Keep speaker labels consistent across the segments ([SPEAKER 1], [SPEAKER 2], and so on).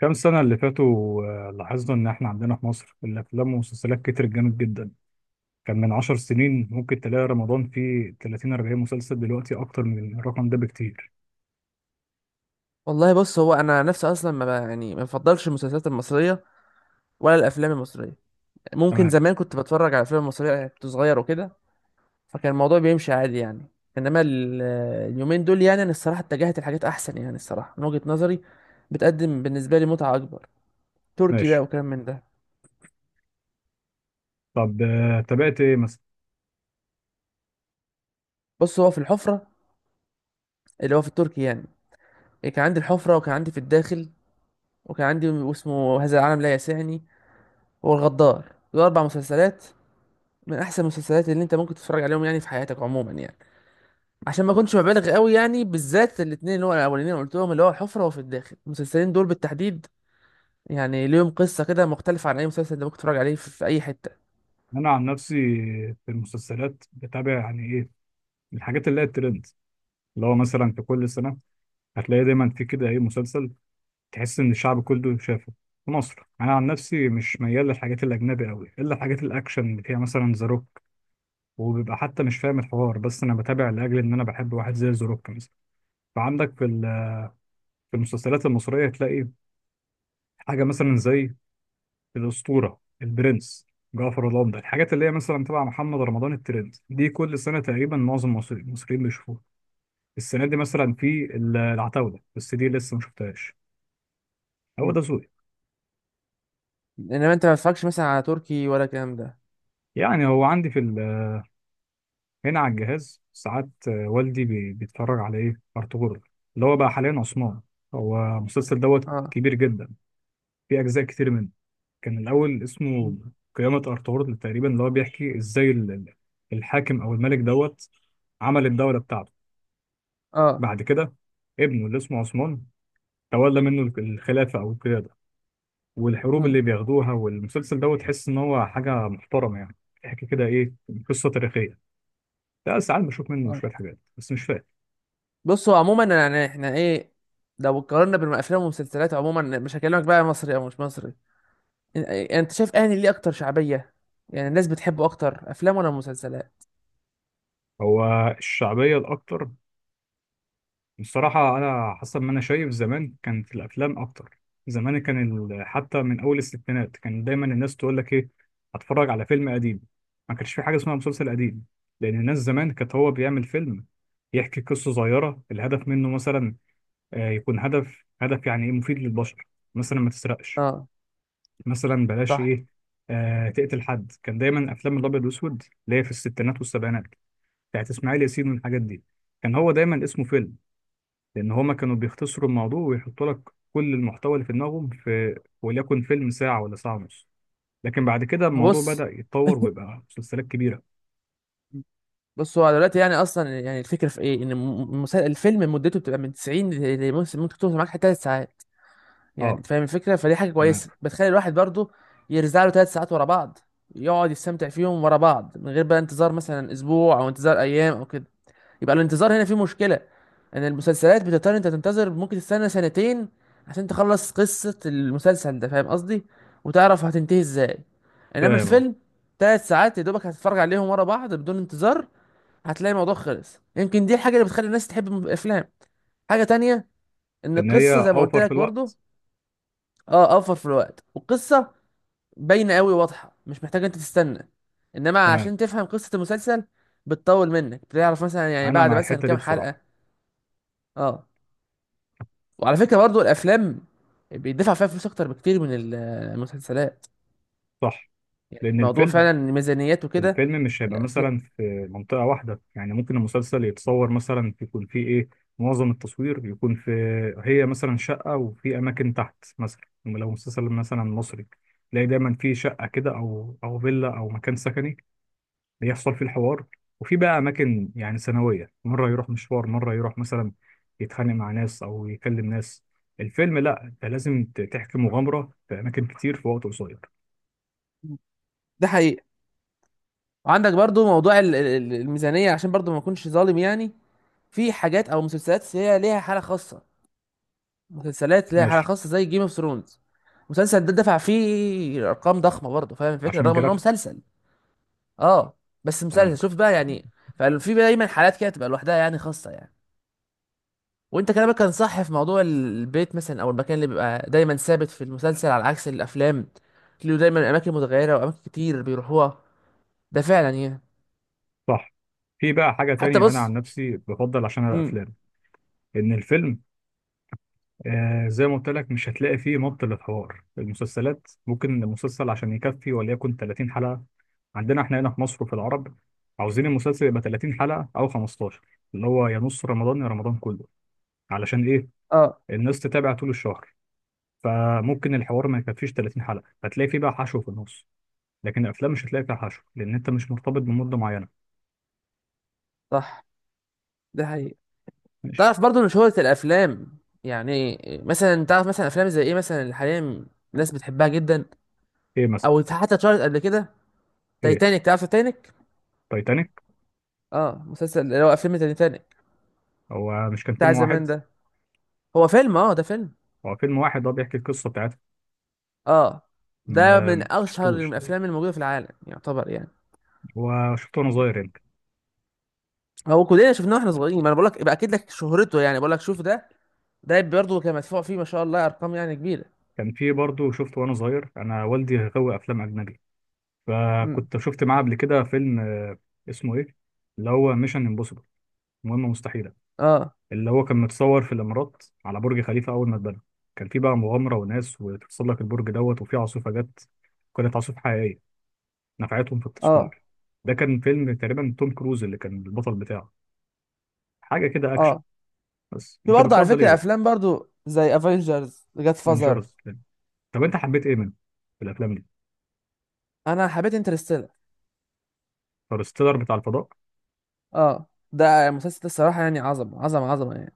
[SPEAKER 1] كام سنة اللي فاتوا، لاحظنا إن إحنا عندنا في مصر الأفلام والمسلسلات كترت جامد جدا. كان من 10 سنين ممكن تلاقي رمضان فيه 30 40 مسلسل، دلوقتي أكتر من الرقم ده بكتير.
[SPEAKER 2] والله بص، هو انا نفسي اصلا ما ما بفضلش المسلسلات المصريه ولا الافلام المصريه. ممكن
[SPEAKER 1] تمام.
[SPEAKER 2] زمان كنت بتفرج على الافلام المصريه، يعني كنت صغير وكده، فكان الموضوع بيمشي عادي يعني. انما اليومين دول يعني انا الصراحه اتجهت لحاجات احسن، يعني الصراحه من وجهه نظري بتقدم بالنسبه لي متعه اكبر. تركي بقى
[SPEAKER 1] ماشي.
[SPEAKER 2] وكلام من ده.
[SPEAKER 1] طب، تابعت إيه مثلا؟
[SPEAKER 2] بص، هو في الحفره، اللي هو في التركي يعني. كان عندي الحفره، وكان عندي في الداخل، وكان عندي اسمه هذا العالم لا يسعني، والغدار. دول 4 مسلسلات من احسن المسلسلات اللي انت ممكن تتفرج عليهم يعني في حياتك عموما يعني، عشان ما اكونش مبالغ قوي يعني، بالذات الاثنين اللي هو الاولانيين اللي قلتهم، اللي هو الحفره وفي الداخل، المسلسلين دول بالتحديد، يعني ليهم قصه كده مختلفه عن اي مسلسل انت ممكن تتفرج عليه في اي حته.
[SPEAKER 1] أنا عن نفسي، في المسلسلات بتابع يعني إيه، الحاجات اللي هي الترند، اللي هو مثلا في كل سنة هتلاقي دايما في كده إيه مسلسل تحس إن الشعب كله شافه. في مصر انا عن نفسي مش ميال للحاجات الاجنبي قوي، الا الحاجات الاكشن اللي فيها مثلا ذا روك، وبيبقى حتى مش فاهم الحوار، بس انا بتابع لاجل ان انا بحب واحد زي ذا روك مثلا. فعندك في المسلسلات المصريه تلاقي حاجه مثلا زي الاسطوره، البرنس، جعفر العمدة، الحاجات اللي هي مثلا تبع محمد رمضان، الترند دي كل سنه تقريبا معظم المصريين بيشوفوها. السنه دي مثلا في العتاوله، بس دي لسه ما شفتهاش. هو
[SPEAKER 2] مم.
[SPEAKER 1] ده ذوقي.
[SPEAKER 2] انما انت ما تتفرجش مثلا على تركي ولا الكلام ده؟
[SPEAKER 1] يعني هو عندي في هنا على الجهاز ساعات، والدي بيتفرج على ايه ارطغرل، اللي هو بقى حاليا عثمان. هو المسلسل دوت
[SPEAKER 2] اه.
[SPEAKER 1] كبير جدا، في اجزاء كتير منه. كان الأول
[SPEAKER 2] مم.
[SPEAKER 1] اسمه قيامة أرطغرل تقريبا، اللي هو بيحكي إزاي الحاكم أو الملك دوت عمل الدولة بتاعته.
[SPEAKER 2] اه.
[SPEAKER 1] بعد كده ابنه اللي اسمه عثمان تولى منه الخلافة أو القيادة والحروب
[SPEAKER 2] مم.
[SPEAKER 1] اللي بياخدوها، والمسلسل دوت تحس إن هو حاجة محترمة يعني. بيحكي كده إيه، قصة تاريخية. لا ساعات بشوف منه
[SPEAKER 2] آه.
[SPEAKER 1] شوية حاجات بس مش فاهم.
[SPEAKER 2] بصوا عموما، يعني احنا ايه، لو قارنا بين الافلام والمسلسلات عموما، مش هكلمك بقى مصري او مش مصري، إن- إيه، يعني انت شايف انهي ليه اكتر شعبيه؟ يعني الناس بتحبه اكتر افلام ولا مسلسلات؟
[SPEAKER 1] هو الشعبية الأكتر، بصراحة أنا حسب ما أنا شايف زمان كانت الأفلام أكتر. زمان كان حتى من أول الستينات كان دايما الناس تقول لك إيه، هتفرج على فيلم قديم. ما كانش في حاجة اسمها مسلسل قديم، لأن الناس زمان كانت هو بيعمل فيلم يحكي قصة صغيرة، الهدف منه مثلا، يكون هدف هدف يعني إيه مفيد للبشر. مثلا ما تسرقش،
[SPEAKER 2] اه.
[SPEAKER 1] مثلا بلاش
[SPEAKER 2] صح.
[SPEAKER 1] إيه، تقتل حد. كان دايما أفلام الأبيض والأسود اللي هي في الستينات والسبعينات بتاعت إسماعيل ياسين والحاجات دي كان هو دايما اسمه فيلم، لان هما كانوا بيختصروا الموضوع ويحطوا لك كل المحتوى اللي في دماغهم في وليكن فيلم ساعه ولا ساعه ونص. لكن بعد كده الموضوع
[SPEAKER 2] بص
[SPEAKER 1] بدأ يتطور ويبقى مسلسلات كبيره.
[SPEAKER 2] بص هو دلوقتي يعني اصلا، يعني الفكره في ايه، ان الفيلم مدته بتبقى من 90 ممكن توصل معاك 3 ساعات، يعني
[SPEAKER 1] اه.
[SPEAKER 2] أنت فاهم الفكره، فدي حاجه
[SPEAKER 1] تمام.
[SPEAKER 2] كويسه، بتخلي الواحد برضه يرزع له 3 ساعات ورا بعض، يقعد يستمتع فيهم ورا بعض، من غير بقى انتظار مثلا اسبوع او انتظار ايام او كده. يبقى الانتظار هنا فيه مشكله، ان المسلسلات بتضطر انت تنتظر، ممكن تستنى سنتين عشان تخلص قصه المسلسل ده، فاهم قصدي، وتعرف هتنتهي ازاي. انما
[SPEAKER 1] فاهم اه.
[SPEAKER 2] الفيلم 3 ساعات يا دوبك هتتفرج عليهم ورا بعض بدون انتظار، هتلاقي الموضوع خلص. يمكن دي الحاجه اللي بتخلي الناس تحب الافلام. حاجه تانية، ان
[SPEAKER 1] ان هي
[SPEAKER 2] القصه زي ما قلت
[SPEAKER 1] اوفر في
[SPEAKER 2] لك برضو.
[SPEAKER 1] الوقت.
[SPEAKER 2] اه، اوفر في الوقت والقصه، باينه قوي، واضحه، مش محتاج انت تستنى. انما
[SPEAKER 1] تمام.
[SPEAKER 2] عشان تفهم قصه المسلسل بتطول منك، بتعرف مثلا يعني
[SPEAKER 1] انا
[SPEAKER 2] بعد
[SPEAKER 1] مع
[SPEAKER 2] مثلا
[SPEAKER 1] الحته دي
[SPEAKER 2] كام
[SPEAKER 1] بصراحه.
[SPEAKER 2] حلقه. اه، وعلى فكره برضو الافلام بيدفع فيها فلوس اكتر بكتير من المسلسلات.
[SPEAKER 1] صح.
[SPEAKER 2] يعني
[SPEAKER 1] لان
[SPEAKER 2] الموضوع
[SPEAKER 1] الفيلم،
[SPEAKER 2] فعلا ميزانيات وكده.
[SPEAKER 1] الفيلم مش هيبقى
[SPEAKER 2] الافلام،
[SPEAKER 1] مثلا في منطقة واحدة. يعني ممكن المسلسل يتصور مثلا يكون فيه ايه معظم التصوير يكون في، هي مثلا شقة وفي أماكن تحت مثلا. يعني لو مسلسل مثلا مصري تلاقي دايما في شقة كده أو فيلا أو مكان سكني بيحصل فيه الحوار، وفي بقى أماكن يعني ثانوية، مرة يروح مشوار، مرة يروح مثلا يتخانق مع ناس أو يكلم ناس. الفيلم لأ، أنت لازم تحكي مغامرة في أماكن كتير في وقت قصير.
[SPEAKER 2] ده حقيقي. وعندك برضو موضوع الميزانيه. عشان برضو ما اكونش ظالم يعني، في حاجات او مسلسلات هي ليها حاله خاصه. مسلسلات ليها حاله
[SPEAKER 1] ماشي.
[SPEAKER 2] خاصه زي جيم اوف ثرونز. المسلسل ده دفع فيه ارقام ضخمه برضه، فاهم الفكره،
[SPEAKER 1] عشان
[SPEAKER 2] رغم ان هو
[SPEAKER 1] الجرافيك.
[SPEAKER 2] مسلسل. اه، بس مسلسل
[SPEAKER 1] تمام.
[SPEAKER 2] شوف بقى يعني. ففي دايما حالات كده تبقى لوحدها يعني، خاصه يعني. وانت كلامك كان صح في موضوع البيت مثلا، او المكان اللي بيبقى دايما ثابت في المسلسل على عكس الافلام، له دايما اماكن متغيره، واماكن كتير بيروحوها. ده فعلا يعني.
[SPEAKER 1] صح. في بقى حاجة
[SPEAKER 2] حتى
[SPEAKER 1] تانية أنا عن
[SPEAKER 2] بص.
[SPEAKER 1] نفسي بفضل عشان
[SPEAKER 2] امم
[SPEAKER 1] الأفلام، إن الفيلم، زي ما قلت لك مش هتلاقي فيه مط للحوار. المسلسلات ممكن المسلسل عشان يكفي وليكن 30 حلقة، عندنا إحنا هنا في مصر وفي العرب عاوزين المسلسل يبقى 30 حلقة أو 15، اللي هو يا نص رمضان يا رمضان كله، علشان إيه،
[SPEAKER 2] اه،
[SPEAKER 1] الناس تتابع طول الشهر. فممكن الحوار ما يكفيش 30 حلقة، هتلاقي فيه بقى حشو في النص. لكن الأفلام مش هتلاقي فيها حشو لأن أنت مش مرتبط بمدة معينة.
[SPEAKER 2] صح. ده حقيقي.
[SPEAKER 1] ماشي.
[SPEAKER 2] تعرف برضو ان شهرة الافلام يعني، مثلا تعرف مثلا افلام زي ايه مثلا اللي حاليا الناس بتحبها جدا،
[SPEAKER 1] إيه مثلا؟
[SPEAKER 2] او حتى اتشهرت قبل كده؟
[SPEAKER 1] إيه،
[SPEAKER 2] تايتانيك. تعرف تايتانيك؟
[SPEAKER 1] تايتانيك.
[SPEAKER 2] اه، مسلسل، اللي هو فيلم تايتانيك
[SPEAKER 1] هو مش كان
[SPEAKER 2] بتاع
[SPEAKER 1] فيلم
[SPEAKER 2] زمان
[SPEAKER 1] واحد؟
[SPEAKER 2] ده. هو فيلم، اه ده فيلم.
[SPEAKER 1] هو فيلم واحد، هو بيحكي القصة بتاعتها.
[SPEAKER 2] اه، ده
[SPEAKER 1] ما
[SPEAKER 2] من اشهر
[SPEAKER 1] شفتوش. طيب.
[SPEAKER 2] الافلام الموجوده في العالم يعتبر يعني.
[SPEAKER 1] هو شفته وأنا صغير
[SPEAKER 2] يعني
[SPEAKER 1] يمكن.
[SPEAKER 2] هو كلنا شفناه واحنا صغيرين، ما انا بقول لك يبقى اكيد لك شهرته، يعني بقول لك شوف ده. ده برضه كان مدفوع فيه ما شاء الله ارقام يعني كبيره.
[SPEAKER 1] كان في برضه شفته وأنا صغير، أنا والدي غاوي أفلام أجنبي،
[SPEAKER 2] امم
[SPEAKER 1] فكنت شفت معاه قبل كده فيلم، اسمه إيه، اللي هو ميشن امبوسيبل، مهمة مستحيلة.
[SPEAKER 2] اه.
[SPEAKER 1] اللي هو كان متصور في الإمارات على برج خليفة أول ما اتبنى. كان في بقى مغامرة وناس وتتسلق البرج دوت وفي عاصفة جت، كانت عاصفة حقيقية نفعتهم في
[SPEAKER 2] اه.
[SPEAKER 1] التصوير. ده كان فيلم تقريبا توم كروز اللي كان البطل بتاعه، حاجة كده أكشن.
[SPEAKER 2] اه.
[SPEAKER 1] بس
[SPEAKER 2] في
[SPEAKER 1] أنت
[SPEAKER 2] برضه على
[SPEAKER 1] بتفضل إيه
[SPEAKER 2] فكرة
[SPEAKER 1] بقى؟
[SPEAKER 2] افلام برضه زي افنجرز جاد فازر.
[SPEAKER 1] بنشرز. طب انت حبيت ايه منه في الافلام دي؟
[SPEAKER 2] انا حبيت انترستيلر.
[SPEAKER 1] انترستيلر بتاع الفضاء،
[SPEAKER 2] اه، ده مسلسل الصراحة يعني، عظمة عظمة عظمة يعني.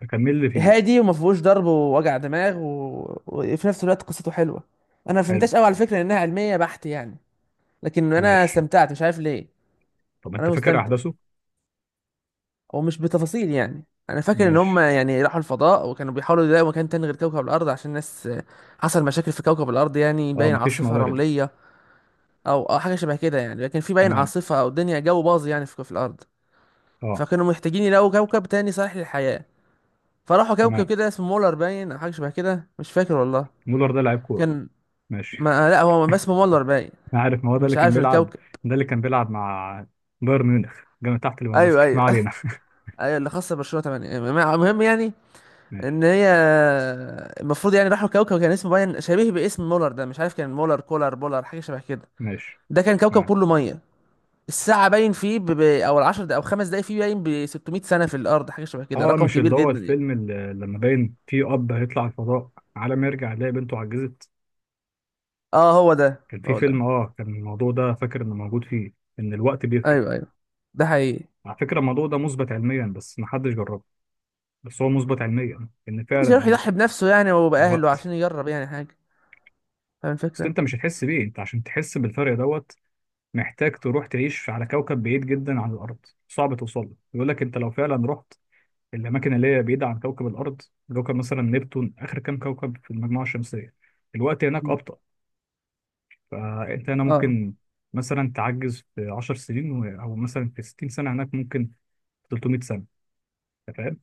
[SPEAKER 1] ده كان مين اللي فيه؟
[SPEAKER 2] هادي وما فيهوش ضرب ووجع دماغ وفي نفس الوقت قصته حلوة. انا ما
[SPEAKER 1] حلو.
[SPEAKER 2] فهمتهاش قوي على فكرة، انها علمية بحت يعني، لكن انا
[SPEAKER 1] ماشي.
[SPEAKER 2] استمتعت مش عارف ليه.
[SPEAKER 1] طب انت
[SPEAKER 2] انا
[SPEAKER 1] فاكر
[SPEAKER 2] مستمتع
[SPEAKER 1] احداثه؟
[SPEAKER 2] ومش بتفاصيل يعني. انا فاكر ان هم
[SPEAKER 1] ماشي.
[SPEAKER 2] يعني راحوا الفضاء وكانوا بيحاولوا يلاقوا مكان تاني غير كوكب الارض، عشان الناس حصل مشاكل في كوكب الارض، يعني
[SPEAKER 1] اه
[SPEAKER 2] باين
[SPEAKER 1] مفيش
[SPEAKER 2] عاصفة
[SPEAKER 1] موارد.
[SPEAKER 2] رملية او او حاجه شبه كده يعني. لكن في باين
[SPEAKER 1] تمام.
[SPEAKER 2] عاصفه او الدنيا جو باظ يعني في الارض.
[SPEAKER 1] اه.
[SPEAKER 2] فكانوا محتاجين يلاقوا كوكب تاني صالح للحياه. فراحوا كوكب
[SPEAKER 1] تمام.
[SPEAKER 2] كده اسمه مولر باين او حاجه شبه كده، مش فاكر والله.
[SPEAKER 1] مولر ده لعيب كوره.
[SPEAKER 2] كان،
[SPEAKER 1] ماشي.
[SPEAKER 2] ما لا، هو ما اسمه مولر باين.
[SPEAKER 1] انا عارف، ما هو ده اللي
[SPEAKER 2] مش
[SPEAKER 1] كان
[SPEAKER 2] عارف
[SPEAKER 1] بيلعب،
[SPEAKER 2] الكوكب.
[SPEAKER 1] ده اللي كان بيلعب مع بايرن ميونخ جنب تحت
[SPEAKER 2] ايوه،
[SPEAKER 1] ليفاندوسكي. ما
[SPEAKER 2] ايوه.
[SPEAKER 1] علينا.
[SPEAKER 2] ايوه، اللي خاصه برشلونه 8. المهم يعني،
[SPEAKER 1] ماشي.
[SPEAKER 2] ان هي، المفروض يعني راحوا كوكب كان اسمه باين، شبيه باسم مولر ده، مش عارف، كان مولر كولر بولر حاجه شبه كده.
[SPEAKER 1] ماشي.
[SPEAKER 2] ده كان كوكب
[SPEAKER 1] تمام.
[SPEAKER 2] كله ميه. الساعة باين فيه او ال10 دقايق او 5 دقايق، فيه باين ب 600 سنة في الارض، حاجة شبه كده،
[SPEAKER 1] اه،
[SPEAKER 2] رقم
[SPEAKER 1] مش
[SPEAKER 2] كبير
[SPEAKER 1] اللي هو
[SPEAKER 2] جدا يعني.
[SPEAKER 1] الفيلم اللي لما باين فيه اب هيطلع الفضاء، على ما يرجع يلاقي بنته عجزت؟
[SPEAKER 2] اه، هو ده
[SPEAKER 1] كان في
[SPEAKER 2] هو
[SPEAKER 1] فيلم،
[SPEAKER 2] ده.
[SPEAKER 1] كان الموضوع ده فاكر انه موجود فيه، ان الوقت بيفرق.
[SPEAKER 2] ايوه، ايوه. ده حقيقي.
[SPEAKER 1] على فكرة الموضوع ده مثبت علميا بس محدش جربه. بس هو مثبت علميا ان فعلا
[SPEAKER 2] مش هيروح يضحي بنفسه يعني وبأهله
[SPEAKER 1] الوقت.
[SPEAKER 2] عشان يجرب يعني حاجة، فاهم
[SPEAKER 1] اصل
[SPEAKER 2] الفكرة؟
[SPEAKER 1] انت مش هتحس بيه، انت عشان تحس بالفرق دوت محتاج تروح تعيش على كوكب بعيد جدا عن الارض، صعب توصل له. بيقول لك انت لو فعلا رحت الاماكن اللي هي بعيدة عن كوكب الارض، كوكب مثلا نبتون، اخر كام كوكب في المجموعة الشمسية، الوقت هناك
[SPEAKER 2] م.
[SPEAKER 1] ابطأ. فانت هنا
[SPEAKER 2] اه.
[SPEAKER 1] ممكن مثلا تعجز في 10 سنين، او مثلا في 60 سنة هناك ممكن في 300 سنة. انت فاهم؟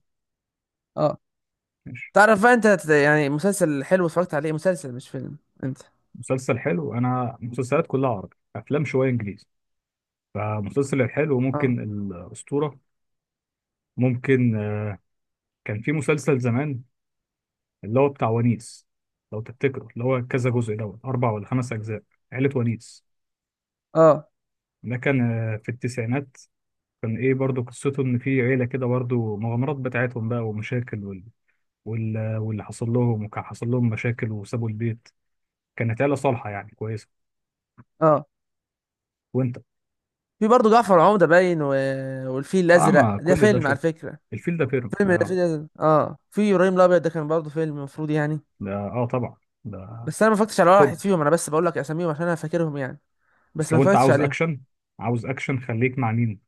[SPEAKER 2] اه.
[SPEAKER 1] ماشي.
[SPEAKER 2] تعرف بقى انت، مسلسل حلو اتفرجت عليه، مسلسل مش فيلم، انت؟
[SPEAKER 1] مسلسل حلو، انا مسلسلات كلها عربي، افلام شويه انجليزي. فمسلسل الحلو
[SPEAKER 2] اه.
[SPEAKER 1] ممكن الاسطوره، ممكن، كان في مسلسل زمان اللي هو بتاع ونيس، لو تفتكره اللي هو كذا جزء دوت اربع ولا خمس اجزاء، عيله ونيس.
[SPEAKER 2] اه.
[SPEAKER 1] ده كان، في التسعينات. كان ايه برضو قصته، ان في عيله كده برضو مغامرات بتاعتهم بقى ومشاكل واللي حصل لهم، وكان حصل لهم مشاكل وسابوا البيت. كانت عيله صالحه يعني كويسه.
[SPEAKER 2] اه.
[SPEAKER 1] وانت.
[SPEAKER 2] في برضه جعفر العمدة باين والفيل
[SPEAKER 1] اه
[SPEAKER 2] الأزرق،
[SPEAKER 1] ما
[SPEAKER 2] ده
[SPEAKER 1] كل ده
[SPEAKER 2] فيلم على
[SPEAKER 1] شوف،
[SPEAKER 2] فكرة.
[SPEAKER 1] الفيل ده فيلم
[SPEAKER 2] فيلم
[SPEAKER 1] آه.
[SPEAKER 2] الفيل الأزرق، اه. في إبراهيم الأبيض، ده كان برضه فيلم المفروض يعني.
[SPEAKER 1] ده اه طبعا. ده،
[SPEAKER 2] بس انا ما فكرتش على ولا واحد
[SPEAKER 1] طب
[SPEAKER 2] فيهم، انا بس بقول لك اساميهم عشان انا فاكرهم يعني. بس
[SPEAKER 1] بس
[SPEAKER 2] ما
[SPEAKER 1] لو انت
[SPEAKER 2] فكرتش
[SPEAKER 1] عاوز
[SPEAKER 2] عليهم.
[SPEAKER 1] اكشن، عاوز اكشن خليك مع مين،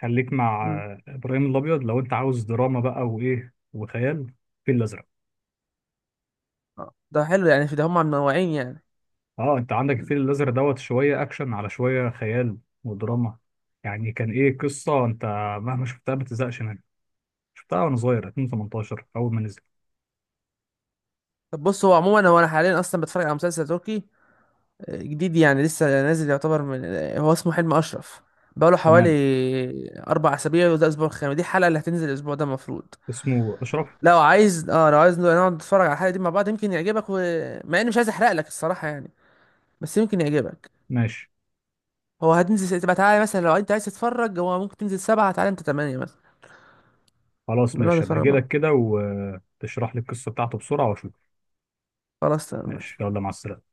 [SPEAKER 1] خليك مع،
[SPEAKER 2] امم
[SPEAKER 1] ابراهيم الابيض. لو انت عاوز دراما بقى وايه وخيال، الفيل الازرق.
[SPEAKER 2] ده حلو يعني، في ده هم منوعين يعني.
[SPEAKER 1] اه انت عندك
[SPEAKER 2] مم.
[SPEAKER 1] الفيل الازرق دوت شويه اكشن على شويه خيال ودراما. يعني كان ايه قصه انت مهما شفتها ما بتزهقش منها، شفتها وانا صغير 2018 اول ما نزل.
[SPEAKER 2] طب بص، هو عموما، هو انا حاليا اصلا بتفرج على مسلسل تركي جديد، يعني لسه نازل يعتبر، من هو اسمه حلم اشرف. بقاله حوالي
[SPEAKER 1] تمام.
[SPEAKER 2] 4 اسابيع، وده الاسبوع الخامس، دي الحلقه اللي هتنزل الاسبوع ده المفروض.
[SPEAKER 1] اسمه اشرف.
[SPEAKER 2] لو عايز، اه لو عايز نقعد نتفرج على الحلقه دي مع بعض، يمكن يعجبك، مع اني مش عايز احرق لك الصراحه يعني، بس يمكن يعجبك.
[SPEAKER 1] ماشي.
[SPEAKER 2] هو هتنزل، تبقى تعالى مثلا لو انت عايز تتفرج. هو ممكن تنزل 7، تعالى انت 8 مثلا،
[SPEAKER 1] خلاص،
[SPEAKER 2] بنقعد
[SPEAKER 1] ماشي، هبقى
[SPEAKER 2] نتفرج
[SPEAKER 1] اجي
[SPEAKER 2] مع بعض.
[SPEAKER 1] لك كده وتشرح لي القصه بتاعته بسرعه واشوف.
[SPEAKER 2] خلاص تمام
[SPEAKER 1] ماشي،
[SPEAKER 2] ماشي.
[SPEAKER 1] يلا مع السلامه.